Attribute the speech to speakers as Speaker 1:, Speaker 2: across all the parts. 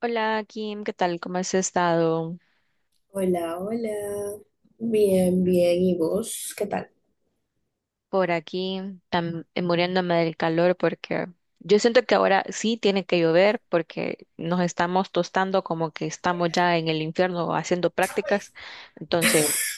Speaker 1: Hola Kim, ¿qué tal? ¿Cómo has estado
Speaker 2: Hola, hola. Bien, bien. ¿Y vos? ¿Qué tal?
Speaker 1: por aquí? Muriéndome del calor porque yo siento que ahora sí tiene que llover porque nos estamos tostando como que estamos ya en el infierno haciendo prácticas. Entonces,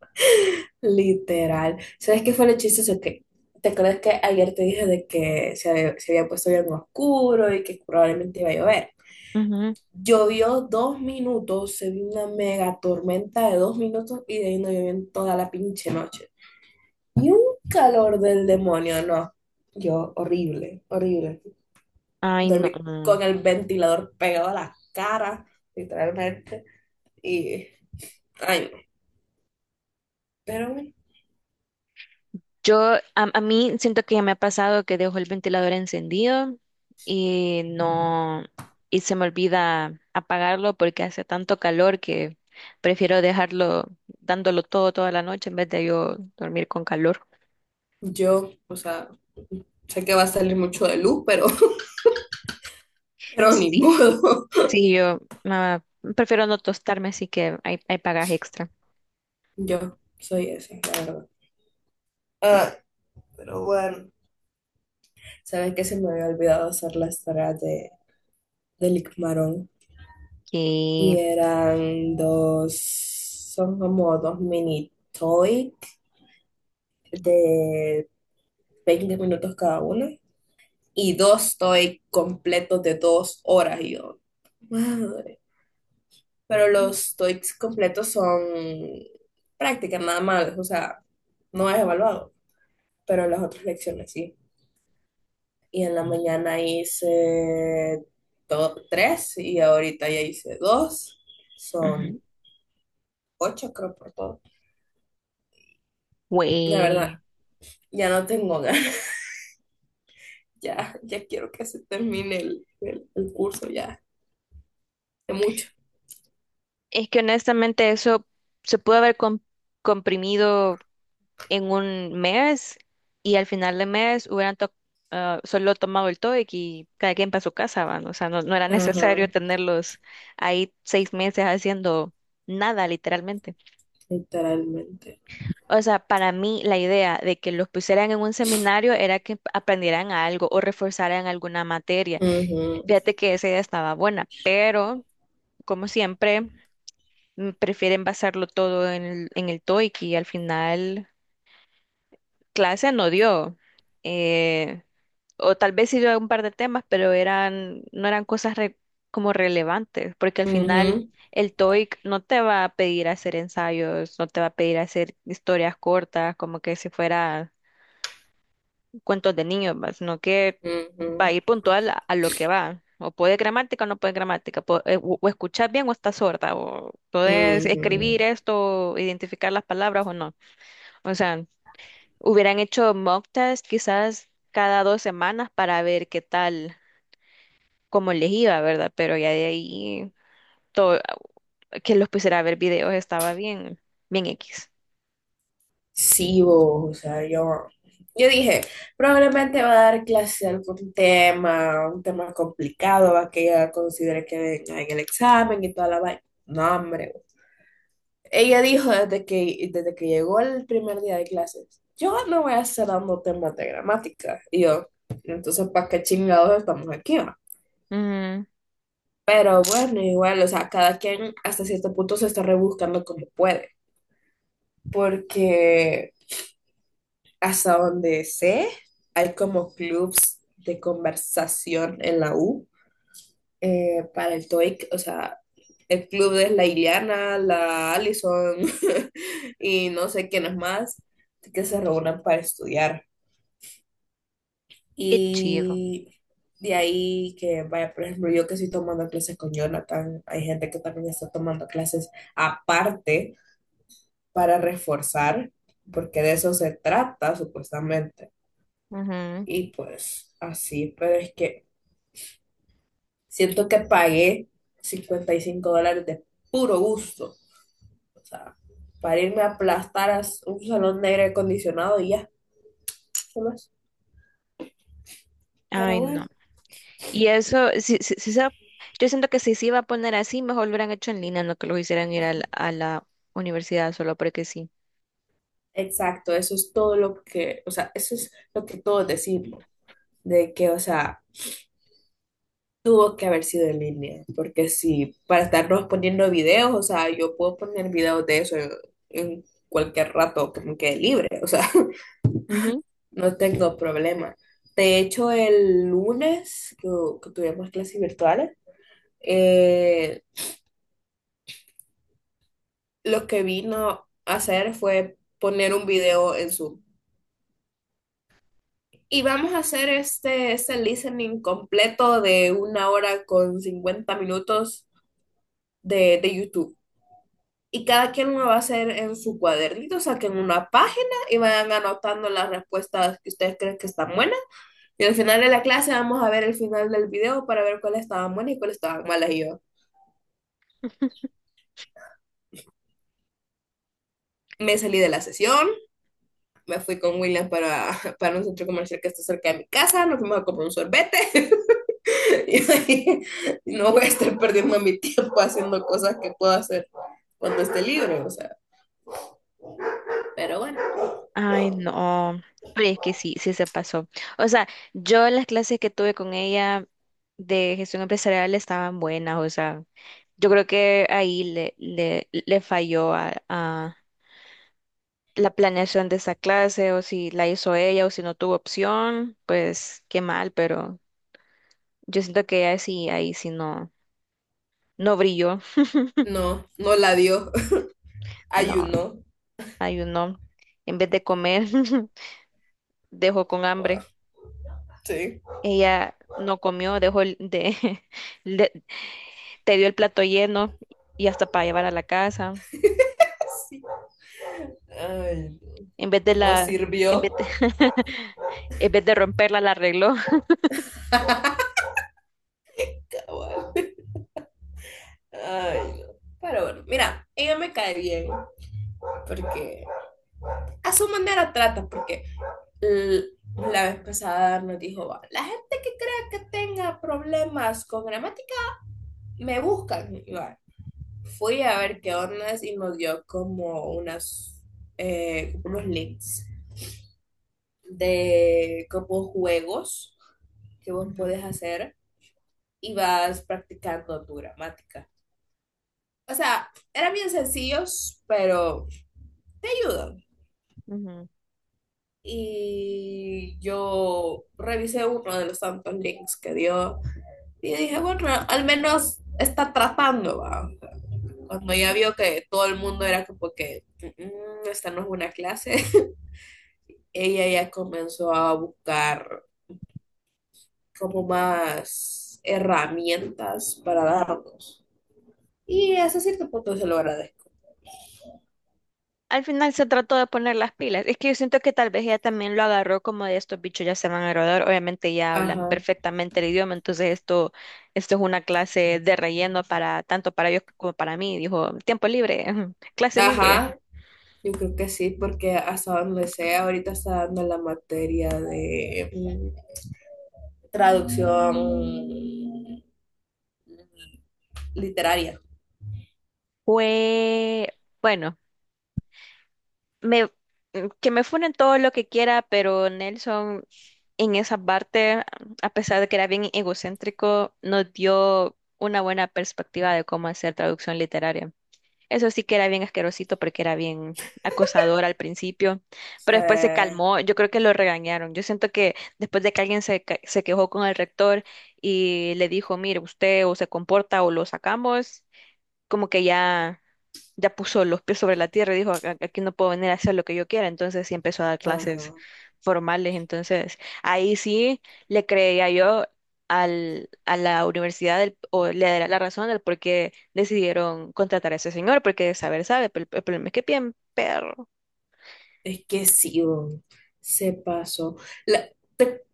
Speaker 2: Literal. ¿Sabes qué fue lo chistoso? Que, ¿te acuerdas que ayer te dije de que se había puesto bien oscuro y que probablemente iba a llover?
Speaker 1: ujú,
Speaker 2: Llovió 2 minutos, se vio una mega tormenta de 2 minutos y de ahí no llovió en toda la pinche noche. Y un calor del demonio, no. Yo, horrible, horrible.
Speaker 1: ay, no.
Speaker 2: Dormí con el ventilador pegado a la cara, literalmente. Y, ay, pero
Speaker 1: Yo, a mí siento que ya me ha pasado que dejo el ventilador encendido y no, y se me olvida apagarlo porque hace tanto calor que prefiero dejarlo dándolo todo toda la noche en vez de yo dormir con calor.
Speaker 2: yo, o sea, sé que va a salir mucho de luz, pero, pero ni
Speaker 1: Sí,
Speaker 2: modo.
Speaker 1: sí, yo prefiero no tostarme, así que hay pagas extra.
Speaker 2: Yo soy esa, la verdad. Ah, pero bueno. ¿Sabes que se me había olvidado hacer las tareas de, del Icmarón? Y
Speaker 1: Y,
Speaker 2: eran dos, son como dos mini toy de 20 minutos cada una. Y dos toy completos de 2 horas. Y yo, madre. Pero los TOEICs completos son prácticas nada más, o sea, no es evaluado, pero las otras lecciones sí. Y en la mañana hice tres y ahorita ya hice dos,
Speaker 1: ujú.
Speaker 2: son ocho creo por todo. La verdad,
Speaker 1: Güey,
Speaker 2: ya no tengo ganas, ya quiero que se termine el curso ya, de mucho.
Speaker 1: es que honestamente eso se pudo haber comprimido en un mes y al final del mes hubieran solo tomado el TOEIC y cada quien para su casa, van. O sea, no, no era necesario
Speaker 2: Ajá,
Speaker 1: tenerlos ahí 6 meses haciendo nada, literalmente.
Speaker 2: literalmente.
Speaker 1: O sea, para mí la idea de que los pusieran en un seminario era que aprendieran algo o reforzaran alguna materia.
Speaker 2: Ujú,
Speaker 1: Fíjate que esa idea estaba buena, pero como siempre, prefieren basarlo todo en el TOEIC y al final clase no dio. eh, o tal vez sí yo un par de temas, pero eran, no eran cosas como relevantes, porque al final
Speaker 2: ujú,
Speaker 1: el TOEIC no te va a pedir hacer ensayos, no te va a pedir hacer historias cortas, como que si fuera cuentos de niños, va, sino que va a
Speaker 2: ujú,
Speaker 1: ir puntual a lo que va. O puede gramática o no puede gramática, o escuchas bien o estás sorda, o puedes escribir
Speaker 2: ujú.
Speaker 1: esto, identificar las palabras o no. O sea, hubieran hecho mock test quizás cada 2 semanas para ver qué tal cómo les iba, ¿verdad? Pero ya de ahí todo, que los pusiera a ver videos estaba bien, bien X.
Speaker 2: Sí, vos, o sea, yo dije, probablemente va a dar clase de algún tema, un tema complicado, va que ella considere que en el examen y toda la vaina. No, hombre. Ella dijo desde que llegó el primer día de clases, yo no voy a estar dando temas de gramática. Y yo, entonces, ¿para qué chingados estamos aquí, va?
Speaker 1: Ujú,
Speaker 2: Pero bueno, igual, o sea, cada quien hasta cierto punto se está rebuscando como puede, porque... Hasta donde sé, hay como clubs de conversación en la U, para el TOEIC, o sea, el club es la Iliana, la Allison, y no sé quién es más, que se reúnen para estudiar.
Speaker 1: qué chido.
Speaker 2: Y de ahí que, vaya, por ejemplo, yo que estoy tomando clases con Jonathan, hay gente que también está tomando clases aparte para reforzar, porque de eso se trata supuestamente.
Speaker 1: Ujú.
Speaker 2: Y pues así, pero es que siento que pagué $55 de puro gusto. O sea, para irme a aplastar a un salón negro acondicionado y ya, ¿qué más?
Speaker 1: Ay,
Speaker 2: Pero
Speaker 1: no.
Speaker 2: bueno,
Speaker 1: Y eso, si, si, si se- yo siento que si se iba a poner así, mejor lo hubieran hecho en línea, no que lo hicieran ir a la, universidad solo porque sí.
Speaker 2: exacto, eso es todo lo que, o sea, eso es lo que todos decimos, de que, o sea, tuvo que haber sido en línea, porque si para estarnos poniendo videos, o sea, yo puedo poner videos de eso en cualquier rato que me quede libre, o sea. No tengo problema. De hecho, el lunes que tuvimos clases virtuales, eh, lo que vino a hacer fue poner un video en Zoom. Y vamos a hacer este listening completo de una hora con 50 minutos de YouTube. Y cada quien lo va a hacer en su cuadernito, saquen una página y vayan anotando las respuestas que ustedes creen que están buenas. Y al final de la clase vamos a ver el final del video para ver cuáles estaban buenas y cuáles estaban malas. Y yo, me salí de la sesión, me fui con William para, para un centro comercial que está cerca de mi casa, nos fuimos a comprar un sorbete y ahí no voy a estar perdiendo mi tiempo haciendo cosas que puedo hacer cuando esté libre, o sea, pero bueno,
Speaker 1: Ay, no. Pero es que sí, sí se pasó. O sea, yo las clases que tuve con ella de gestión empresarial estaban buenas. O sea, yo creo que ahí le falló a la planeación de esa clase, o si la hizo ella, o si no tuvo opción, pues qué mal, pero yo siento que ella sí, ahí sí no brilló.
Speaker 2: no, no la dio,
Speaker 1: No,
Speaker 2: ayunó,
Speaker 1: ayunó. En vez de comer, dejó con hambre.
Speaker 2: sí,
Speaker 1: Ella no comió, dejó le- te dio el plato lleno y hasta para llevar a la casa.
Speaker 2: sí, ay,
Speaker 1: En vez de
Speaker 2: no, no
Speaker 1: la, en
Speaker 2: sirvió,
Speaker 1: vez de, en vez de romperla, la arregló.
Speaker 2: ay, no. Pero bueno, mira, ella me cae bien porque a su manera trata, porque L- La vez pasada nos dijo, va, la gente que crea que tenga problemas con gramática, me buscan. Y va, fui a ver qué ondas y nos dio como unas, unos links de como juegos que vos puedes
Speaker 1: Ujú,
Speaker 2: hacer y vas practicando tu gramática. O sea, eran bien sencillos, pero te ayudan.
Speaker 1: ujú.
Speaker 2: Y yo revisé uno de los tantos links que dio. Y dije, bueno, al menos está tratando, ¿va? Cuando ya vio que todo el mundo era como que, "Mm, esta no es una clase", ella ya comenzó a buscar como más herramientas para darnos. Y hasta cierto punto se lo agradezco.
Speaker 1: Al final se trató de poner las pilas. Es que yo siento que tal vez ella también lo agarró como de estos bichos ya se van a graduar. Obviamente ya hablan
Speaker 2: Ajá,
Speaker 1: perfectamente el idioma, entonces esto es una clase de relleno para tanto para ellos como para mí. Dijo, tiempo libre, clase libre.
Speaker 2: ajá, yo creo que sí, porque hasta donde sea, ahorita está dando la materia de traducción literaria.
Speaker 1: Fue, bueno. me, que me funen todo lo que quiera, pero Nelson en esa parte, a pesar de que era bien egocéntrico, nos dio una buena perspectiva de cómo hacer traducción literaria. Eso sí que era bien asquerosito porque era bien acosador al principio,
Speaker 2: O
Speaker 1: pero después se
Speaker 2: sea,
Speaker 1: calmó. Yo creo que lo regañaron. Yo siento que después de que alguien se quejó con el rector y le dijo, mire, usted o se comporta o lo sacamos, como que ya puso los pies sobre la tierra y dijo, "Aquí no puedo venir a hacer lo que yo quiera, entonces sí empezó a dar clases
Speaker 2: ajá.
Speaker 1: formales, entonces ahí sí le creía yo a la universidad o le daría la razón del por qué decidieron contratar a ese señor, porque de saber sabe, pero el problema es que bien perro.
Speaker 2: Es que sí, weón, se pasó. La-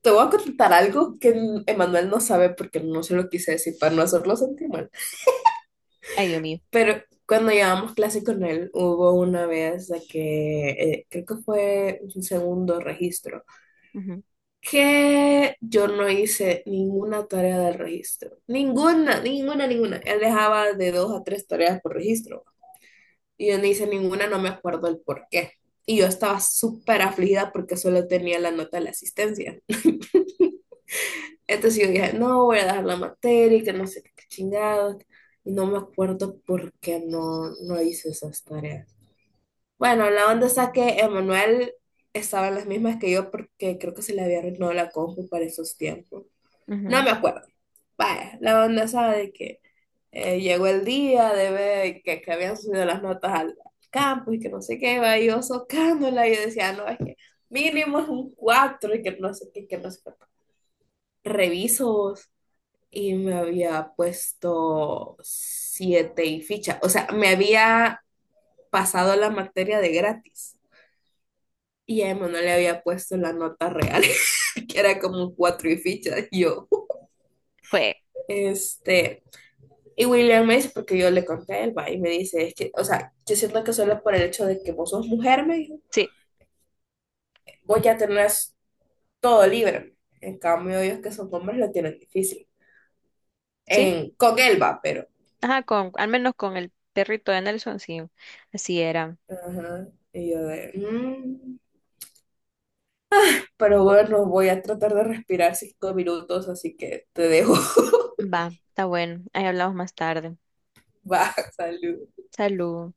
Speaker 2: te voy a contar algo que Emanuel no sabe porque no se lo quise decir para no hacerlo sentir mal.
Speaker 1: Ay, Dios mío.
Speaker 2: Pero cuando llevábamos clase con él, hubo una vez de que, creo que fue un segundo registro, que yo no hice ninguna tarea del registro. Ninguna, ninguna, ninguna. Él dejaba de dos a tres tareas por registro. Y yo no hice ninguna, no me acuerdo el por qué. Y yo estaba súper afligida porque solo tenía la nota de la asistencia. Entonces yo dije, no, voy a dejar la materia y que no sé qué chingados. Y no me acuerdo por qué no, no hice esas tareas. Bueno, la onda está que Emanuel estaba en las mismas que yo porque creo que se le había arruinado la compu para esos tiempos.
Speaker 1: Ujú,
Speaker 2: No
Speaker 1: ujú.
Speaker 2: me acuerdo. Vaya, la onda sabe de que llegó el día de ver que habían subido las notas al campo y que no sé qué, va, y yo socándola, y yo decía, no, es que mínimo es un 4 y que no sé qué, que no sé qué. Revisos y me había puesto siete y ficha. O sea, me había pasado la materia de gratis y a Emma no le había puesto la nota real, que era como cuatro y ficha. Y yo,
Speaker 1: Fue,
Speaker 2: este. Y William me dice, porque yo le conté a Elba y me dice, es que, o sea, yo siento que solo por el hecho de que vos sos mujer, me dijo,
Speaker 1: sí,
Speaker 2: vos ya tenés todo libre. En cambio, ellos que son hombres lo tienen difícil.
Speaker 1: sí,
Speaker 2: En, con él pero.
Speaker 1: ajá, al menos con el perrito de Nelson, sí, así era.
Speaker 2: Ajá. Y yo de, "Mm". Pero bueno, voy a tratar de respirar 5 minutos, así que te dejo.
Speaker 1: Va, está bueno, ahí hablamos más tarde.
Speaker 2: Va, salud.
Speaker 1: Salud.